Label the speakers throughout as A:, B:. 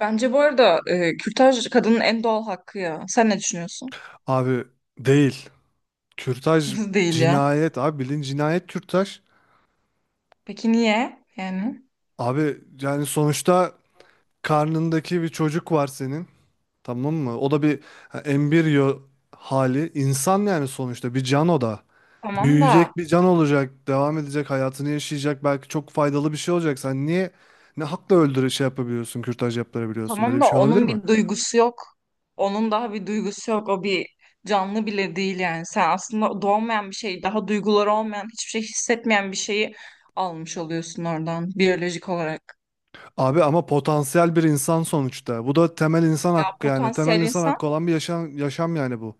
A: Bence bu arada kürtaj kadının en doğal hakkı ya. Sen ne düşünüyorsun?
B: Abi değil. Kürtaj
A: Değil ya.
B: cinayet abi bilin cinayet kürtaj.
A: Peki niye? Yani
B: Abi yani sonuçta karnındaki bir çocuk var senin. Tamam mı? O da bir ha, embriyo hali. İnsan yani sonuçta bir can o da.
A: tamam
B: Büyüyecek
A: da
B: bir can olacak. Devam edecek hayatını yaşayacak. Belki çok faydalı bir şey olacak. Sen niye ne hakla şey yapabiliyorsun, kürtaj yaptırabiliyorsun? Böyle
A: tamam
B: bir
A: da
B: şey olabilir
A: onun
B: mi?
A: bir duygusu yok. Onun daha bir duygusu yok. O bir canlı bile değil yani. Sen aslında doğmayan bir şey, daha duyguları olmayan, hiçbir şey hissetmeyen bir şeyi almış oluyorsun oradan biyolojik olarak.
B: Abi ama potansiyel bir insan sonuçta. Bu da temel insan
A: Ya
B: hakkı yani. Temel
A: potansiyel
B: insan
A: insan
B: hakkı olan bir yaşam, yaşam yani bu.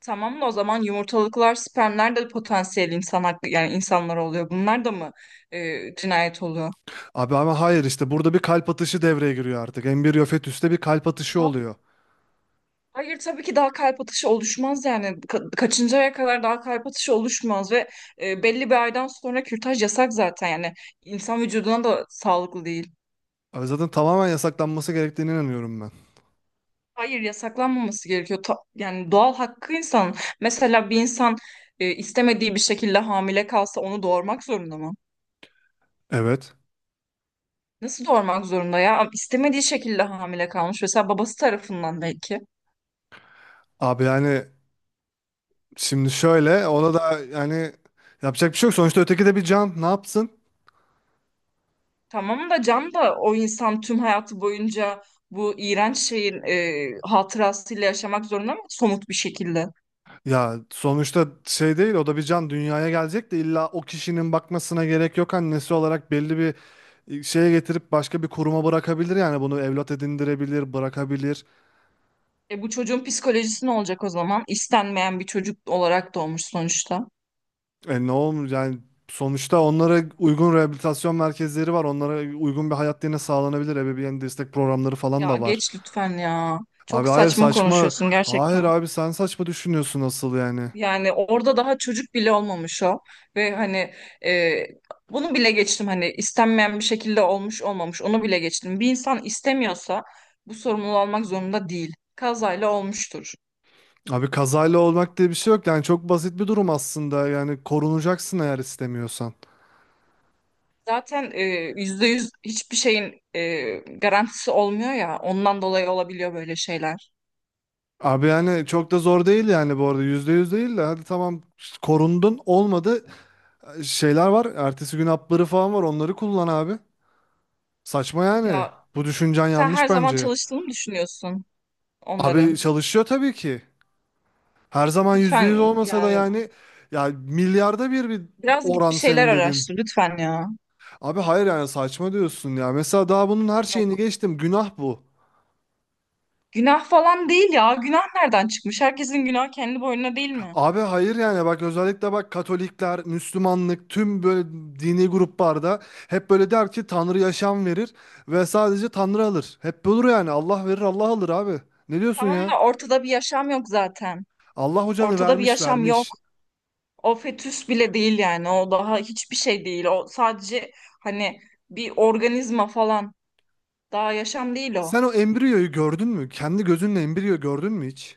A: tamam da o zaman yumurtalıklar, spermler de potansiyel insan hakkı yani insanlar oluyor. Bunlar da mı cinayet oluyor?
B: Abi ama hayır işte burada bir kalp atışı devreye giriyor artık. Embriyo fetüste bir kalp atışı oluyor.
A: Hayır tabii ki daha kalp atışı oluşmaz yani kaçıncı aya kadar daha kalp atışı oluşmaz ve belli bir aydan sonra kürtaj yasak zaten yani insan vücuduna da sağlıklı değil.
B: Abi zaten tamamen yasaklanması gerektiğine inanıyorum ben.
A: Hayır yasaklanmaması gerekiyor yani doğal hakkı insan. Mesela bir insan istemediği bir şekilde hamile kalsa onu doğurmak zorunda mı?
B: Evet.
A: Nasıl doğurmak zorunda ya? İstemediği şekilde hamile kalmış mesela babası tarafından belki.
B: Abi yani şimdi şöyle ona da yani yapacak bir şey yok. Sonuçta öteki de bir can ne yapsın?
A: Tamam da Can da o insan tüm hayatı boyunca bu iğrenç şeyin hatırasıyla yaşamak zorunda mı somut bir şekilde?
B: Ya sonuçta şey değil, o da bir can dünyaya gelecek de illa o kişinin bakmasına gerek yok. Annesi olarak belli bir şeye getirip başka bir kuruma bırakabilir, yani bunu evlat edindirebilir, bırakabilir.
A: E bu çocuğun psikolojisi ne olacak o zaman? İstenmeyen bir çocuk olarak doğmuş sonuçta.
B: E ne olur yani, sonuçta onlara uygun rehabilitasyon merkezleri var. Onlara uygun bir hayat yine sağlanabilir. Ebeveyn destek programları falan
A: Ya
B: da var.
A: geç lütfen ya.
B: Abi
A: Çok
B: hayır,
A: saçma
B: saçma.
A: konuşuyorsun
B: Hayır
A: gerçekten.
B: abi, sen saçma düşünüyorsun asıl yani.
A: Yani orada daha çocuk bile olmamış o. Ve hani e, bunu bile geçtim hani istenmeyen bir şekilde olmuş olmamış onu bile geçtim. Bir insan istemiyorsa bu sorumluluğu almak zorunda değil. Kazayla olmuştur.
B: Abi kazayla olmak diye bir şey yok. Yani çok basit bir durum aslında. Yani korunacaksın eğer istemiyorsan.
A: Zaten yüzde yüz hiçbir şeyin garantisi olmuyor ya. Ondan dolayı olabiliyor böyle şeyler.
B: Abi yani çok da zor değil yani bu arada. Yüzde yüz değil de, hadi tamam, korundun olmadı. Şeyler var. Ertesi gün hapları falan var. Onları kullan abi. Saçma yani.
A: Ya
B: Bu düşüncen
A: sen her
B: yanlış
A: zaman
B: bence.
A: çalıştığını mı düşünüyorsun
B: Abi
A: onların.
B: çalışıyor tabii ki. Her zaman %100
A: Lütfen
B: olmasa da
A: yani
B: yani, ya milyarda bir, bir
A: biraz git bir
B: oran
A: şeyler
B: senin dedin.
A: araştır lütfen ya.
B: Abi hayır yani saçma diyorsun ya. Mesela daha bunun her
A: Yok
B: şeyini geçtim. Günah bu.
A: günah falan değil ya. Günah nereden çıkmış? Herkesin günahı kendi boynuna değil mi?
B: Abi hayır yani bak, özellikle bak, Katolikler, Müslümanlık, tüm böyle dini gruplarda hep böyle der ki Tanrı yaşam verir ve sadece Tanrı alır. Hep olur yani, Allah verir Allah alır abi. Ne diyorsun
A: Tamam
B: ya?
A: da ortada bir yaşam yok zaten.
B: Allah hocanı
A: Ortada bir
B: vermiş
A: yaşam yok.
B: vermiş.
A: O fetüs bile değil yani. O daha hiçbir şey değil. O sadece hani bir organizma falan. Daha yaşam değil o.
B: Sen o embriyoyu gördün mü? Kendi gözünle embriyo gördün mü hiç?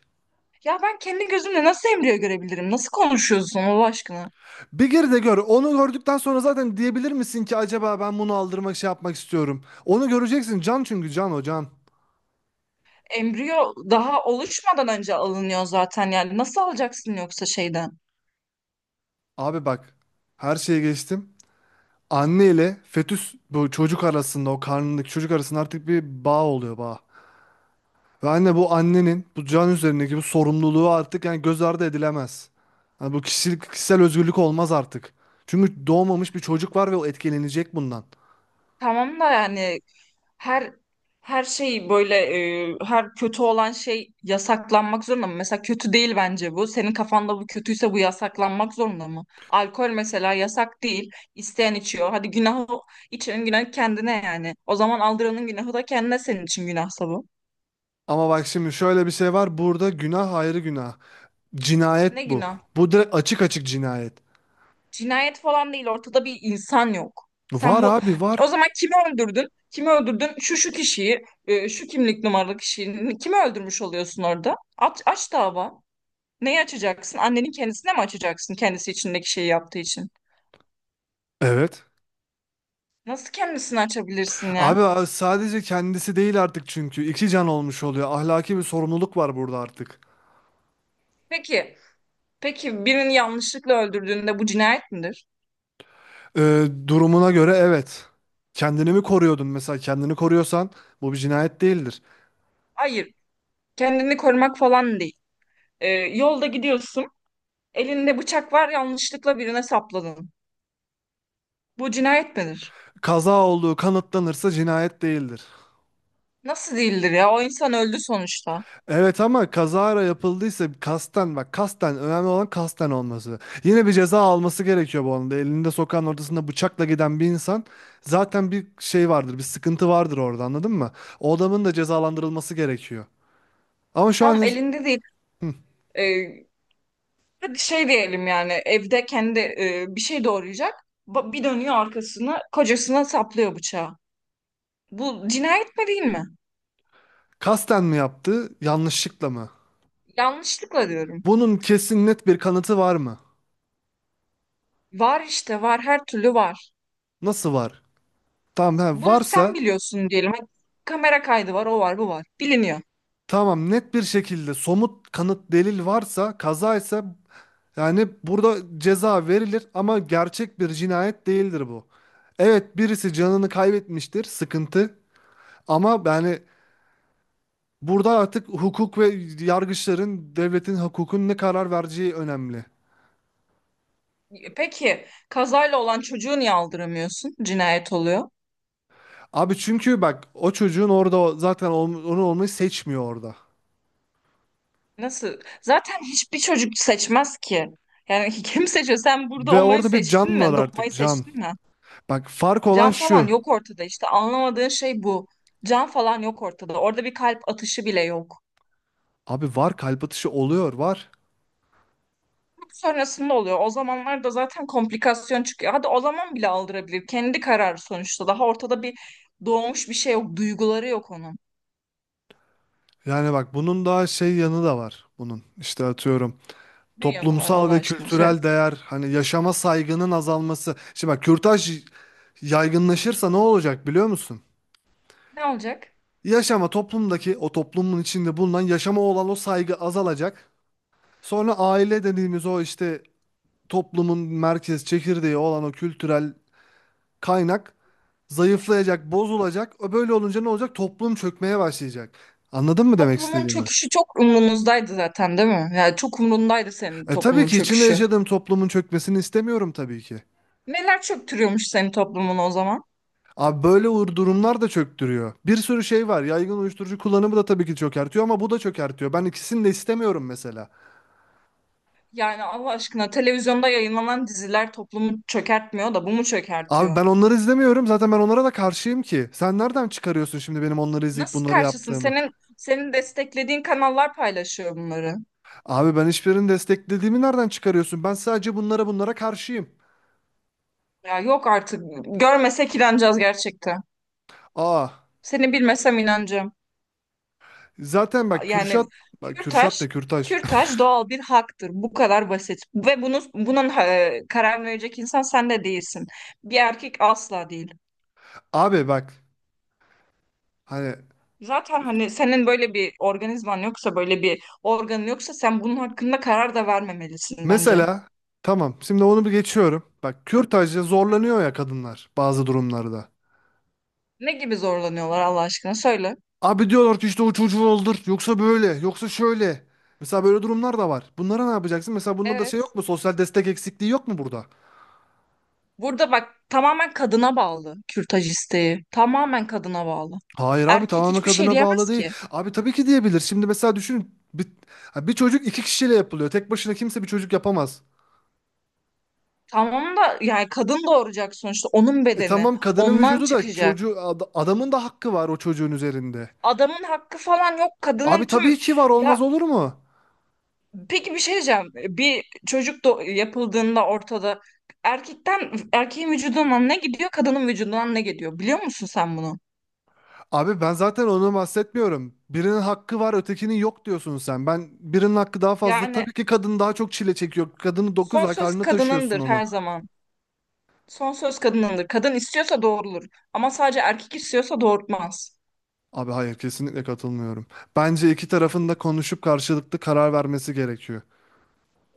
A: Ya ben kendi gözümle nasıl embriyo görebilirim? Nasıl konuşuyorsun Allah aşkına?
B: Bir gir de gör. Onu gördükten sonra zaten diyebilir misin ki acaba ben bunu aldırmak şey yapmak istiyorum. Onu göreceksin. Can, çünkü can, o can.
A: Embriyo daha oluşmadan önce alınıyor zaten yani. Nasıl alacaksın yoksa şeyden?
B: Abi bak, her şeye geçtim. Anne ile fetüs, bu çocuk arasında, o karnındaki çocuk arasında artık bir bağ oluyor, bağ. Ve anne, bu annenin bu can üzerindeki bu sorumluluğu artık yani göz ardı edilemez. Yani bu kişisel özgürlük olmaz artık. Çünkü doğmamış bir çocuk var ve o etkilenecek bundan.
A: Tamam da yani her her şey böyle her kötü olan şey yasaklanmak zorunda mı? Mesela kötü değil bence bu. Senin kafanda bu kötüyse bu yasaklanmak zorunda mı? Alkol mesela yasak değil. İsteyen içiyor. Hadi günahı içenin günahı kendine yani. O zaman aldıranın günahı da kendine senin için günahsa bu.
B: Ama bak şimdi şöyle bir şey var. Burada günah ayrı, günah.
A: Ne
B: Cinayet bu.
A: günah?
B: Bu direkt açık açık cinayet.
A: Cinayet falan değil. Ortada bir insan yok. Sen
B: Var
A: bu
B: abi,
A: o
B: var.
A: zaman kimi öldürdün? Kimi öldürdün? Şu kişiyi, şu kimlik numaralı kişiyi kimi öldürmüş oluyorsun orada? Aç dava. Neyi açacaksın? Annenin kendisine mi açacaksın kendisi içindeki şeyi yaptığı için?
B: Evet.
A: Nasıl kendisini açabilirsin ya?
B: Abi sadece kendisi değil artık çünkü. İki can olmuş oluyor. Ahlaki bir sorumluluk var burada artık.
A: Peki, peki birini yanlışlıkla öldürdüğünde bu cinayet midir?
B: Durumuna göre evet. Kendini mi koruyordun mesela? Kendini koruyorsan bu bir cinayet değildir.
A: Hayır, kendini korumak falan değil. Yolda gidiyorsun, elinde bıçak var, yanlışlıkla birine sapladın. Bu cinayet midir?
B: Kaza olduğu kanıtlanırsa cinayet değildir.
A: Nasıl değildir ya? O insan öldü sonuçta.
B: Evet ama kazara yapıldıysa, kasten bak, kasten önemli olan, kasten olması. Yine bir ceza alması gerekiyor bu anda. Elinde sokağın ortasında bıçakla giden bir insan, zaten bir şey vardır, bir sıkıntı vardır orada, anladın mı? O adamın da cezalandırılması gerekiyor. Ama şu an,
A: Tam elinde değil. Ee, hadi şey diyelim yani evde kendi bir şey doğrayacak. Bir dönüyor arkasını, kocasına saplıyor bıçağı. Bu cinayet mi değil mi?
B: kasten mi yaptı, yanlışlıkla mı?
A: Yanlışlıkla diyorum.
B: Bunun kesin net bir kanıtı var mı?
A: Var işte, var her türlü var.
B: Nasıl var? Tamam he,
A: Bunu sen
B: varsa
A: biliyorsun diyelim. Hadi kamera kaydı var o var bu var. Biliniyor.
B: tamam, net bir şekilde somut kanıt, delil varsa, kazaysa, yani burada ceza verilir ama gerçek bir cinayet değildir bu. Evet, birisi canını kaybetmiştir, sıkıntı. Ama yani burada artık hukuk ve yargıçların, devletin, hukukun ne karar vereceği önemli.
A: Peki kazayla olan çocuğu niye aldıramıyorsun? Cinayet oluyor.
B: Abi çünkü bak, o çocuğun orada zaten onu olmayı seçmiyor orada.
A: Nasıl? Zaten hiçbir çocuk seçmez ki. Yani kim seçiyor? Sen burada
B: Ve
A: olmayı
B: orada bir
A: seçtin
B: can var
A: mi?
B: artık,
A: Doğmayı
B: can.
A: seçtin mi?
B: Bak, fark olan
A: Can falan
B: şu.
A: yok ortada işte. Anlamadığın şey bu. Can falan yok ortada. Orada bir kalp atışı bile yok.
B: Abi var, kalp atışı oluyor, var.
A: Sonrasında oluyor. O zamanlar da zaten komplikasyon çıkıyor. Hadi o zaman bile aldırabilir. Kendi kararı sonuçta. Daha ortada bir doğmuş bir şey yok. Duyguları yok onun.
B: Yani bak, bunun daha şey yanı da var bunun. İşte atıyorum.
A: Ne yanı var
B: Toplumsal
A: Allah
B: ve
A: aşkına söyle.
B: kültürel değer, hani yaşama saygının azalması. Şimdi bak, kürtaj yaygınlaşırsa ne olacak biliyor musun?
A: Ne olacak?
B: Yaşama, toplumdaki o toplumun içinde bulunan yaşama olan o saygı azalacak. Sonra aile dediğimiz o işte, toplumun merkez çekirdeği olan o kültürel kaynak zayıflayacak, bozulacak. O böyle olunca ne olacak? Toplum çökmeye başlayacak. Anladın mı demek
A: Toplumun
B: istediğimi?
A: çöküşü çok umrunuzdaydı zaten değil mi? Yani çok umrundaydı senin
B: E tabii
A: toplumun
B: ki içinde
A: çöküşü.
B: yaşadığım toplumun çökmesini istemiyorum tabii ki.
A: Neler çöktürüyormuş senin toplumun o zaman?
B: Abi böyle uğur durumlar da çöktürüyor. Bir sürü şey var. Yaygın uyuşturucu kullanımı da tabii ki çökertiyor ama bu da çökertiyor. Ben ikisini de istemiyorum mesela.
A: Yani Allah aşkına televizyonda yayınlanan diziler toplumu çökertmiyor da bu mu
B: Abi
A: çökertiyor?
B: ben onları izlemiyorum. Zaten ben onlara da karşıyım ki. Sen nereden çıkarıyorsun şimdi benim onları izleyip
A: Nasıl
B: bunları
A: karşısın?
B: yaptığımı?
A: Senin desteklediğin kanallar paylaşıyor bunları.
B: Abi ben hiçbirini desteklediğimi nereden çıkarıyorsun? Ben sadece bunlara karşıyım.
A: Ya yok artık. Görmesek inanacağız gerçekten.
B: Aa.
A: Seni bilmesem inanacağım.
B: Zaten bak
A: Yani
B: Kürşat, bak
A: kürtaj,
B: Kürşat da Kürtaş.
A: kürtaj doğal bir haktır. Bu kadar basit. Ve bunun karar verecek insan sen de değilsin. Bir erkek asla değil.
B: Abi bak hani
A: Zaten hani senin böyle bir organizman yoksa, böyle bir organın yoksa sen bunun hakkında karar da vermemelisin bence.
B: mesela, tamam, şimdi onu bir geçiyorum. Bak, kürtajda zorlanıyor ya kadınlar bazı durumlarda.
A: Ne gibi zorlanıyorlar Allah aşkına söyle.
B: Abi diyorlar ki işte o çocuğu öldür. Yoksa böyle, yoksa şöyle. Mesela böyle durumlar da var. Bunlara ne yapacaksın? Mesela bunda da şey
A: Evet.
B: yok mu? Sosyal destek eksikliği yok mu burada?
A: Burada bak tamamen kadına bağlı kürtaj isteği. Tamamen kadına bağlı.
B: Hayır abi,
A: Erkek
B: tamamen
A: hiçbir şey
B: kadına bağlı
A: diyemez
B: değil.
A: ki.
B: Abi tabii ki diyebilir. Şimdi mesela düşünün. Bir çocuk iki kişiyle yapılıyor. Tek başına kimse bir çocuk yapamaz.
A: Tamam da yani kadın doğuracak sonuçta onun
B: E
A: bedeni
B: tamam, kadının
A: ondan
B: vücudu da,
A: çıkacak.
B: çocuğu adamın da hakkı var o çocuğun üzerinde.
A: Adamın hakkı falan yok. Kadının
B: Abi tabii
A: tüm
B: ki var, olmaz
A: ya
B: olur mu?
A: peki bir şey diyeceğim. Bir çocuk yapıldığında ortada erkeğin vücudundan ne gidiyor, kadının vücudundan ne gidiyor? Biliyor musun sen bunu?
B: Abi ben zaten onu bahsetmiyorum. Birinin hakkı var, ötekinin yok diyorsun sen. Ben birinin hakkı daha fazla.
A: Yani
B: Tabii ki kadın daha çok çile çekiyor. Kadını 9
A: son
B: ay
A: söz
B: karnına taşıyorsun
A: kadınındır
B: onu.
A: her zaman. Son söz kadınındır. Kadın istiyorsa doğrulur. Ama sadece erkek istiyorsa doğurtmaz.
B: Abi hayır, kesinlikle katılmıyorum. Bence iki tarafın da konuşup karşılıklı karar vermesi gerekiyor.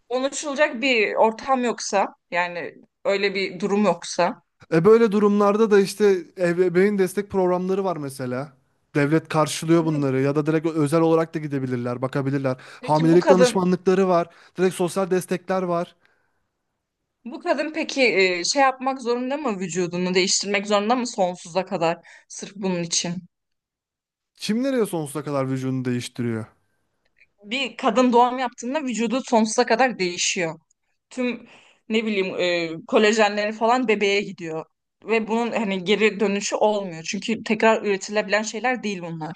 A: Konuşulacak bir ortam yoksa, yani öyle bir durum yoksa.
B: E böyle durumlarda da işte ebeveyn destek programları var mesela. Devlet karşılıyor
A: Ne-
B: bunları, ya da direkt özel olarak da gidebilirler, bakabilirler.
A: Peki
B: Hamilelik danışmanlıkları var, direkt sosyal destekler var.
A: bu kadın peki şey yapmak zorunda mı vücudunu değiştirmek zorunda mı sonsuza kadar sırf bunun için?
B: Kim nereye sonsuza kadar vücudunu değiştiriyor?
A: Bir kadın doğum yaptığında vücudu sonsuza kadar değişiyor. Tüm ne bileyim kolajenleri falan bebeğe gidiyor. Ve bunun hani geri dönüşü olmuyor. Çünkü tekrar üretilebilen şeyler değil bunlar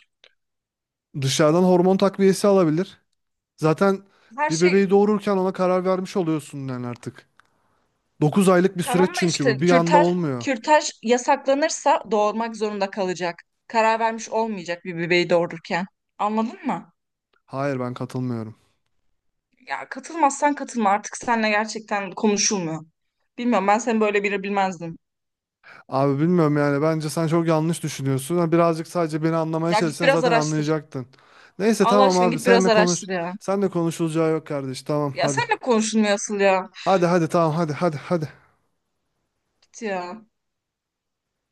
B: Dışarıdan hormon takviyesi alabilir. Zaten
A: her
B: bir
A: şey.
B: bebeği doğururken ona karar vermiş oluyorsun yani artık. 9 aylık bir
A: Tamam
B: süreç
A: da
B: çünkü
A: işte
B: bu. Bir anda olmuyor.
A: kürtaj yasaklanırsa doğurmak zorunda kalacak. Karar vermiş olmayacak bir bebeği doğururken. Anladın mı?
B: Hayır, ben katılmıyorum.
A: Ya katılmazsan katılma. Artık seninle gerçekten konuşulmuyor. Bilmiyorum ben seni böyle biri bilmezdim.
B: Abi bilmiyorum yani, bence sen çok yanlış düşünüyorsun. Ha, Birazcık sadece beni anlamaya
A: Ya git
B: çalışsan
A: biraz
B: zaten
A: araştır.
B: anlayacaktın. Neyse
A: Allah
B: tamam
A: aşkına
B: abi,
A: git biraz
B: senle konuş.
A: araştır ya.
B: Senle konuşulacağı yok kardeş. Tamam
A: Ya
B: hadi.
A: seninle konuşulmuyor asıl ya.
B: Hadi hadi, tamam, hadi hadi hadi.
A: Git ya.